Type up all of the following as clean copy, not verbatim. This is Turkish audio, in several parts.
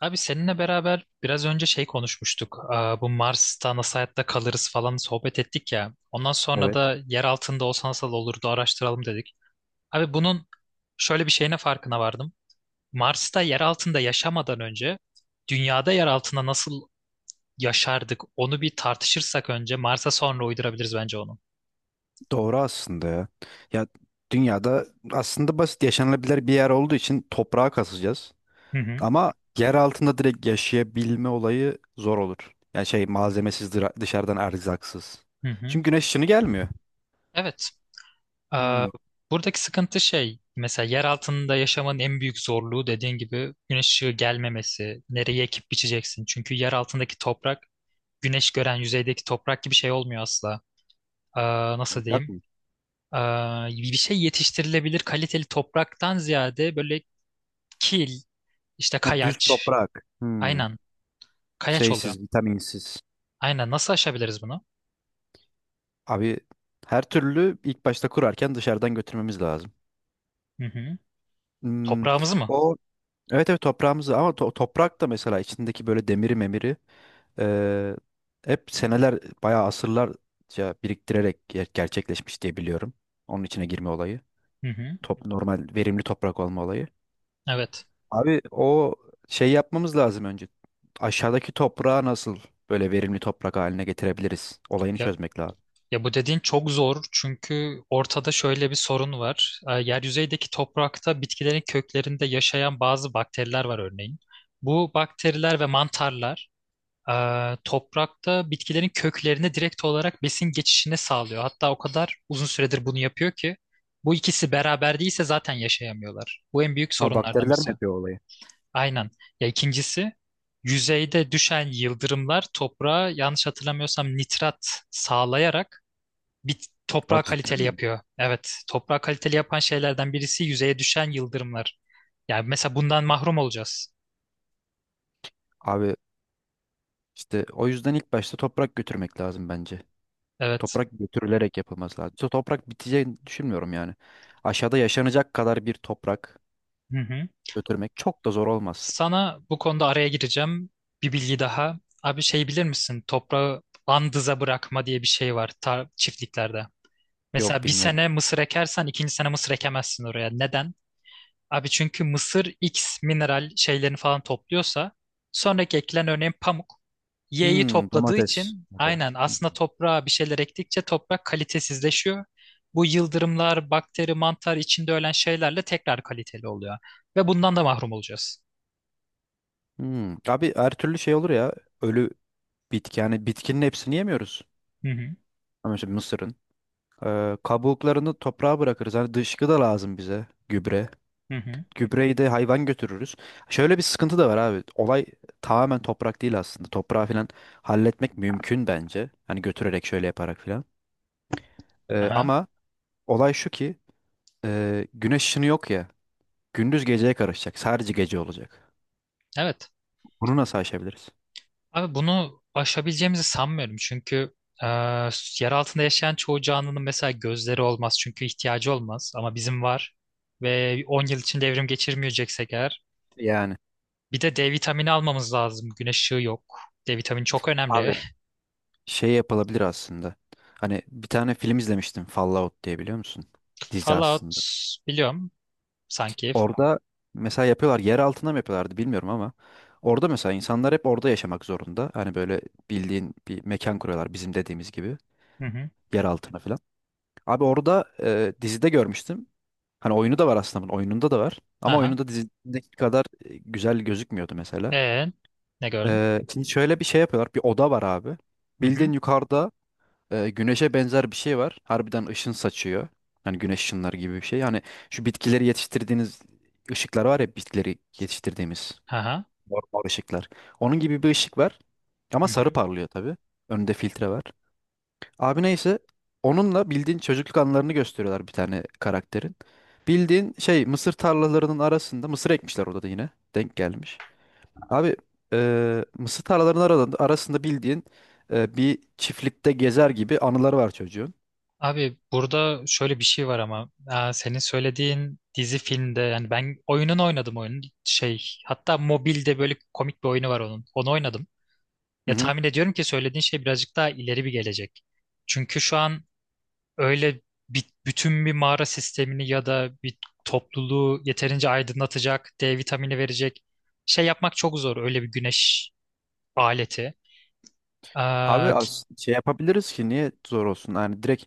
Abi seninle beraber biraz önce şey konuşmuştuk. Bu Mars'ta nasıl hayatta kalırız falan sohbet ettik ya. Ondan sonra Evet. da yer altında olsa nasıl olurdu araştıralım dedik. Abi bunun şöyle bir şeyine farkına vardım. Mars'ta yer altında yaşamadan önce dünyada yer altında nasıl yaşardık onu bir tartışırsak önce Mars'a sonra uydurabiliriz bence onu. Doğru aslında ya. Ya dünyada aslında basit yaşanılabilir bir yer olduğu için toprağa kasacağız. Hı hı. Ama yer altında direkt yaşayabilme olayı zor olur. Yani şey malzemesiz dışarıdan erzaksız. Hı hı. Çünkü güneş ışını gelmiyor. Evet. Ee, Hmm, Buradaki sıkıntı şey, mesela yer altında yaşamanın en büyük zorluğu dediğin gibi güneş ışığı gelmemesi, nereye ekip biçeceksin. Çünkü yer altındaki toprak, güneş gören yüzeydeki toprak gibi şey olmuyor asla. Ee, Nasıl yok diyeyim? mu? Bir şey yetiştirilebilir kaliteli topraktan ziyade böyle kil, işte Ha, düz kayaç, toprak. Hmm, aynen kayaç oluyor. şeysiz, vitaminsiz. Aynen nasıl aşabiliriz bunu? Abi her türlü ilk başta kurarken dışarıdan götürmemiz lazım. Hı hı. Hmm, Toprağımızı mı? o evet evet toprağımızı ama toprak da mesela içindeki böyle demiri memiri. Ee, Hep seneler bayağı asırlarca biriktirerek gerçekleşmiş diye biliyorum. Onun içine girme olayı. Hı hı. Top, normal verimli toprak olma olayı. Evet. Abi o şey yapmamız lazım önce. Aşağıdaki toprağı nasıl böyle verimli toprak haline getirebiliriz? Olayını çözmek lazım. Ya bu dediğin çok zor çünkü ortada şöyle bir sorun var. Yer yüzeydeki toprakta bitkilerin köklerinde yaşayan bazı bakteriler var örneğin. Bu bakteriler ve mantarlar e, toprakta bitkilerin köklerine direkt olarak besin geçişini sağlıyor. Hatta o kadar uzun süredir bunu yapıyor ki bu ikisi beraber değilse zaten yaşayamıyorlar. Bu en büyük Ha, sorunlardan bakteriler mi birisi. yapıyor olayı? Aynen. Ya ikincisi yüzeyde düşen yıldırımlar toprağa yanlış hatırlamıyorsam nitrat sağlayarak bit O toprağı cidden kaliteli mi? yapıyor. Evet, toprağı kaliteli yapan şeylerden birisi yüzeye düşen yıldırımlar. Yani mesela bundan mahrum olacağız. Abi işte o yüzden ilk başta toprak götürmek lazım bence. Evet. Toprak götürülerek yapılması lazım. İşte toprak biteceğini düşünmüyorum yani. Aşağıda yaşanacak kadar bir toprak Hı hı. götürmek çok da zor olmaz. Sana bu konuda araya gireceğim. Bir bilgi daha. Abi şey bilir misin? Toprağı andıza bırakma diye bir şey var tar çiftliklerde. Yok, Mesela bir bilmiyorum. sene mısır ekersen ikinci sene mısır ekemezsin oraya. Neden? Abi çünkü mısır X mineral şeylerini falan topluyorsa sonraki ekilen örneğin pamuk Y'yi Hmm, topladığı domates. için aynen aslında Hmm. toprağa bir şeyler ektikçe toprak kalitesizleşiyor. Bu yıldırımlar, bakteri, mantar içinde ölen şeylerle tekrar kaliteli oluyor. Ve bundan da mahrum olacağız. Hmm. Abi her türlü şey olur ya. Ölü bitki, yani bitkinin hepsini yemiyoruz. Hı hı, Ama mesela mısırın. Kabuklarını toprağa bırakırız. Hani dışkı da lazım bize. Gübre. hı hı, Gübreyi de hayvan götürürüz. Şöyle bir sıkıntı da var abi. Olay tamamen toprak değil aslında. Toprağı falan halletmek mümkün bence. Hani götürerek şöyle yaparak falan. Aha. Ama olay şu ki güneş ışını yok ya. Gündüz geceye karışacak. Sadece gece olacak. Evet. Bunu nasıl aşabiliriz? Abi bunu aşabileceğimizi sanmıyorum çünkü e, yer altında yaşayan çoğu canlının mesela gözleri olmaz çünkü ihtiyacı olmaz ama bizim var ve 10 yıl içinde evrim geçirmeyeceksek eğer Yani bir de D vitamini almamız lazım güneş ışığı yok, D vitamini çok abi önemli. şey yapılabilir aslında. Hani bir tane film izlemiştim. Fallout diye biliyor musun? Dizi Fallout aslında. biliyorum sanki. Orada mesela yapıyorlar, yer altına mı yapıyorlardı bilmiyorum ama orada mesela insanlar hep orada yaşamak zorunda. Hani böyle bildiğin bir mekan kuruyorlar bizim dediğimiz gibi Hı hı. yer altına falan. Abi orada dizide görmüştüm. Hani oyunu da var aslında bunun, oyununda da var. Ama Aha. oyununda dizideki kadar güzel gözükmüyordu mesela. E, ne gördün? Şimdi şöyle bir şey yapıyorlar. Bir oda var abi. Hı hı. Bildiğin yukarıda güneşe benzer bir şey var. Harbiden ışın saçıyor. Hani güneş ışınları gibi bir şey. Hani şu bitkileri yetiştirdiğiniz ışıklar var ya, bitkileri yetiştirdiğimiz Aha. normal ışıklar. Onun gibi bir ışık var. Ama Hı sarı hı. parlıyor tabii. Önünde filtre var. Abi neyse, onunla bildiğin çocukluk anılarını gösteriyorlar bir tane karakterin. Bildiğin şey, mısır tarlalarının arasında mısır ekmişler orada da yine. Denk gelmiş. Abi mısır tarlalarının arasında, arasında bildiğin bir çiftlikte gezer gibi anıları var çocuğun. Abi burada şöyle bir şey var ama senin söylediğin dizi filmde yani ben oyunun oynadım oyunun şey hatta mobilde böyle komik bir oyunu var onun onu oynadım. Hı Ya hı. tahmin ediyorum ki söylediğin şey birazcık daha ileri bir gelecek. Çünkü şu an öyle bi- bütün bir mağara sistemini ya da bir topluluğu yeterince aydınlatacak, D vitamini verecek şey yapmak çok zor öyle bir güneş aleti. Aa, Abi ki- az şey yapabiliriz ki niye zor olsun? Yani direkt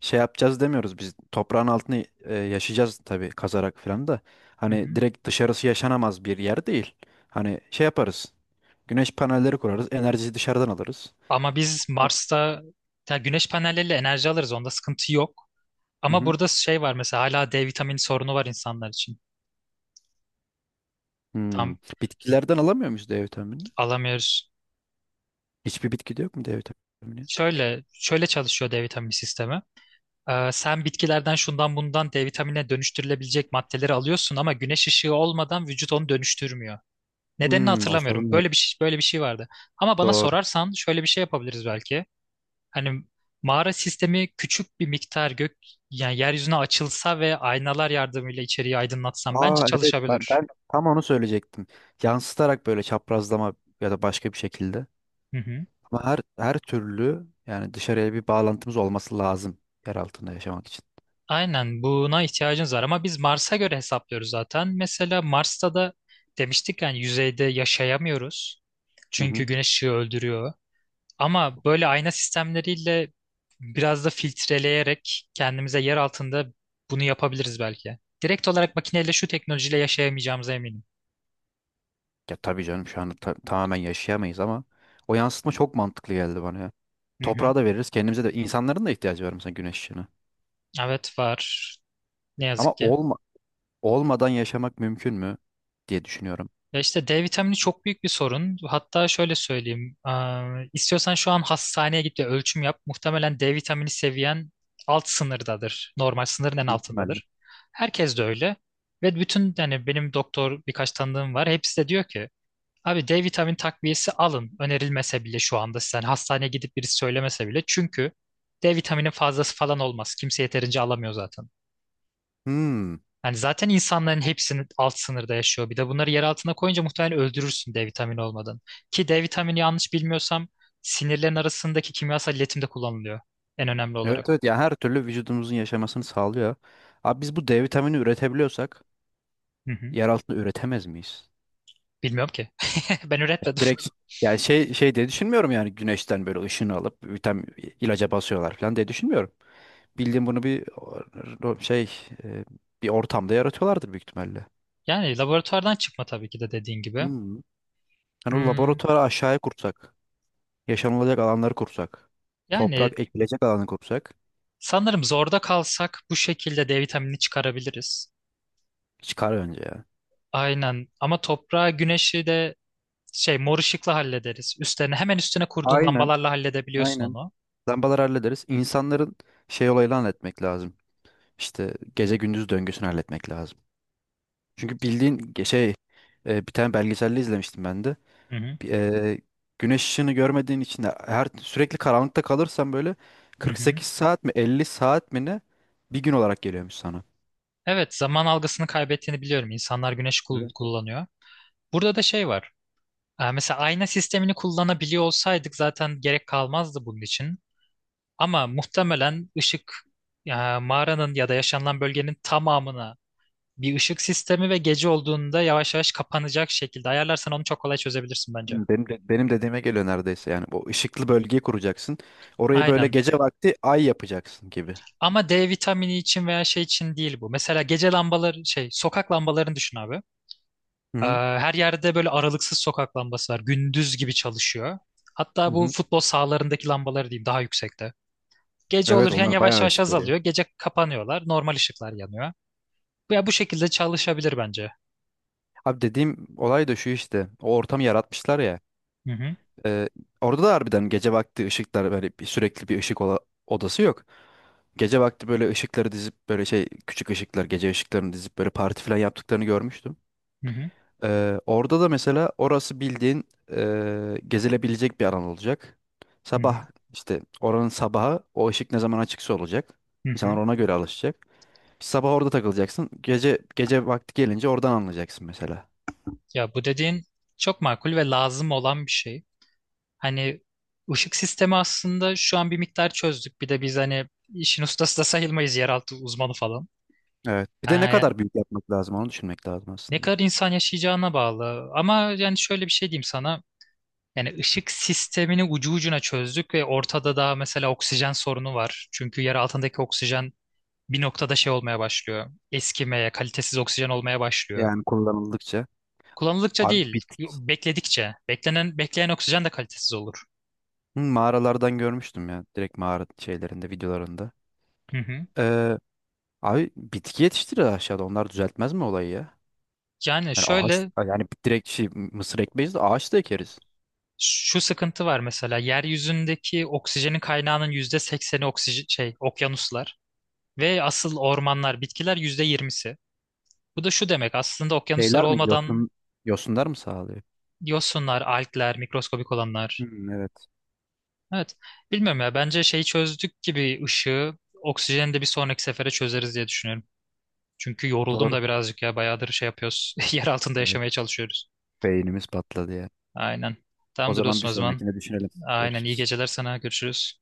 şey yapacağız demiyoruz biz. Toprağın altını yaşayacağız tabii kazarak falan da. hı Hani hı. direkt dışarısı yaşanamaz bir yer değil. Hani şey yaparız. Güneş panelleri kurarız. Enerjiyi dışarıdan alırız. Ama biz Mars'ta ya güneş panelleriyle enerji alırız onda sıkıntı yok. Hı Ama hı. burada şey var mesela hala D vitamini sorunu var insanlar için. Hmm. Tam Bitkilerden alamıyor muyuz D vitaminini? alamıyoruz. Hiçbir bitkide yok mu D vitamini? Şöyle şöyle çalışıyor D vitamini sistemi. Sen bitkilerden şundan bundan D vitamine dönüştürülebilecek maddeleri alıyorsun ama güneş ışığı olmadan vücut onu dönüştürmüyor. Nedenini Hmm, o sorun hatırlamıyorum. var. Böyle bir şey, böyle bir şey vardı. Ama bana Doğru. sorarsan şöyle bir şey yapabiliriz belki. Hani mağara sistemi küçük bir miktar gök yani yeryüzüne açılsa ve aynalar yardımıyla içeriği aydınlatsam bence Aa, evet çalışabilir. ben tam onu söyleyecektim. Yansıtarak böyle çaprazlama ya da başka bir şekilde. Hı hı. Ama her türlü yani dışarıya bir bağlantımız olması lazım yer altında yaşamak için. Aynen buna ihtiyacınız var ama biz Mars'a göre hesaplıyoruz zaten. Mesela Mars'ta da demiştik yani yüzeyde yaşayamıyoruz. Hı Çünkü hı. güneş ışığı öldürüyor. Ama böyle ayna sistemleriyle biraz da filtreleyerek kendimize yer altında bunu yapabiliriz belki. Direkt olarak makineyle şu teknolojiyle yaşayamayacağımıza eminim. Ya tabii canım, şu anda tamamen yaşayamayız ama o yansıtma çok mantıklı geldi bana ya. Hı hı. Toprağa da veririz, kendimize de, insanların da ihtiyacı var mesela güneş ışığına. Evet var. Ne Ama yazık ki. Olmadan yaşamak mümkün mü diye düşünüyorum. Ya işte D vitamini çok büyük bir sorun. Hatta şöyle söyleyeyim. İstiyorsan şu an hastaneye git ve ölçüm yap. Muhtemelen D vitamini seviyen alt sınırdadır. Normal sınırın en Büyük ihtimalle. altındadır. Herkes de öyle. Ve bütün yani benim doktor birkaç tanıdığım var. Hepsi de diyor ki abi D vitamini takviyesi alın. Önerilmese bile şu anda sen hastaneye gidip birisi söylemese bile. Çünkü D vitamini fazlası falan olmaz. Kimse yeterince alamıyor zaten. Hmm. Yani zaten insanların hepsinin alt sınırda yaşıyor. Bir de bunları yer altına koyunca muhtemelen öldürürsün D vitamini olmadan. Ki D vitamini yanlış bilmiyorsam sinirlerin arasındaki kimyasal iletimde kullanılıyor. En önemli olarak. Evet, evet ya, her türlü vücudumuzun yaşamasını sağlıyor. Abi biz bu D vitamini üretebiliyorsak Hı hı. yer altında üretemez miyiz? Bilmiyorum ki. Ben Yani üretmedim. direkt, yani şey diye düşünmüyorum, yani güneşten böyle ışını alıp vitamin ilaca basıyorlar falan diye düşünmüyorum. Bildiğim bunu bir şey, e, bir ortamda yaratıyorlardır büyük ihtimalle. Yani laboratuvardan çıkma tabii ki de dediğin gibi. Hmm. Hani o Hmm, laboratuvarı aşağıya kursak, yaşanılacak alanları kursak, yani toprak ekilecek alanı kursak sanırım zorda kalsak bu şekilde D vitaminini çıkarabiliriz. çıkar önce ya. Aynen. Ama toprağı, güneşi de şey mor ışıkla hallederiz. Üstlerine hemen üstüne kurduğun Aynen, lambalarla halledebiliyorsun aynen. onu. Lambaları hallederiz. İnsanların şey olayını halletmek lazım. İşte gece gündüz döngüsünü halletmek lazım. Çünkü bildiğin şey, bir tane belgeselde izlemiştim ben de. Hı hı. Eee, Güneş ışığını görmediğin için de, her sürekli karanlıkta kalırsan böyle Hı hı. 48 saat mi 50 saat mi ne bir gün olarak geliyormuş sana. Evet, zaman algısını kaybettiğini biliyorum. İnsanlar güneş kul- Evet. kullanıyor. Burada da şey var. Mesela ayna sistemini kullanabiliyor olsaydık zaten gerek kalmazdı bunun için. Ama muhtemelen ışık e, mağaranın ya da yaşanılan bölgenin tamamına bir ışık sistemi ve gece olduğunda yavaş yavaş kapanacak şekilde ayarlarsan onu çok kolay çözebilirsin bence. Hmm, benim dediğime geliyor neredeyse, yani bu ışıklı bölgeyi kuracaksın. Orayı böyle Aynen. gece vakti ay yapacaksın gibi. Ama D vitamini için veya şey için değil bu. Mesela gece lambaları şey sokak lambalarını düşün abi. Hı Ee, hı. Her yerde böyle aralıksız sokak lambası var. Gündüz gibi çalışıyor. Hı Hatta bu hı. futbol sahalarındaki lambaları diyeyim daha yüksekte. Gece Evet, olurken onlar yavaş bayağı yavaş ışık veriyor. azalıyor. Gece kapanıyorlar. Normal ışıklar yanıyor. Ya bu şekilde çalışabilir bence. Abi dediğim olay da şu, işte o ortamı yaratmışlar ya. Hı hı, Ee, Orada da harbiden gece vakti ışıklar böyle bir, sürekli bir ışık odası yok. Gece vakti böyle ışıkları dizip böyle şey küçük ışıklar, gece ışıklarını dizip böyle parti falan yaptıklarını görmüştüm. hı hı, Orada da mesela orası bildiğin gezilebilecek bir alan olacak. hı hı, Sabah işte oranın sabahı o ışık ne zaman açıksa olacak. hı İnsanlar hı. ona göre alışacak. Sabah orada takılacaksın. Gece vakti gelince oradan anlayacaksın mesela. Ya bu dediğin çok makul ve lazım olan bir şey. Hani ışık sistemi aslında şu an bir miktar çözdük. Bir de biz hani işin ustası da sayılmayız yeraltı uzmanı falan. Evet. Bir de ne Ee, kadar büyük yapmak lazım onu düşünmek lazım Ne aslında. kadar insan yaşayacağına bağlı. Ama yani şöyle bir şey diyeyim sana. Yani ışık sistemini ucu ucuna çözdük ve ortada da mesela oksijen sorunu var. Çünkü yer altındaki oksijen bir noktada şey olmaya başlıyor. Eskimeye, kalitesiz oksijen olmaya başlıyor. Yani kullanıldıkça. Kullanıldıkça Abi değil, bitki. bekledikçe. Beklenen, bekleyen oksijen de kalitesiz olur. Hı, mağaralardan görmüştüm ya. Direkt mağara şeylerinde, videolarında. Hı hı. Ee, Abi bitki yetiştirir aşağıda. Onlar düzeltmez mi olayı ya? Yani Yani ağaç, şöyle yani direkt şey mısır ekmeyiz de ağaç da ekeriz. şu sıkıntı var mesela yeryüzündeki oksijenin kaynağının %80 oksijen şey okyanuslar ve asıl ormanlar bitkiler %20. Bu da şu demek aslında okyanuslar Şeyler mi? olmadan Yosunlar mı sağlıyor? Yosunlar, algler, mikroskobik olanlar. Hmm, evet. Evet. Bilmiyorum ya. Bence şeyi çözdük gibi ışığı, oksijeni de bir sonraki sefere çözeriz diye düşünüyorum. Çünkü yoruldum Doğru. da birazcık ya. Bayağıdır şey yapıyoruz. Yer altında Evet. yaşamaya çalışıyoruz. Beynimiz patladı ya. Aynen. O Tamamdır zaman bir dostum o zaman. sonrakine düşünelim. Aynen. İyi Görüşürüz. geceler sana. Görüşürüz.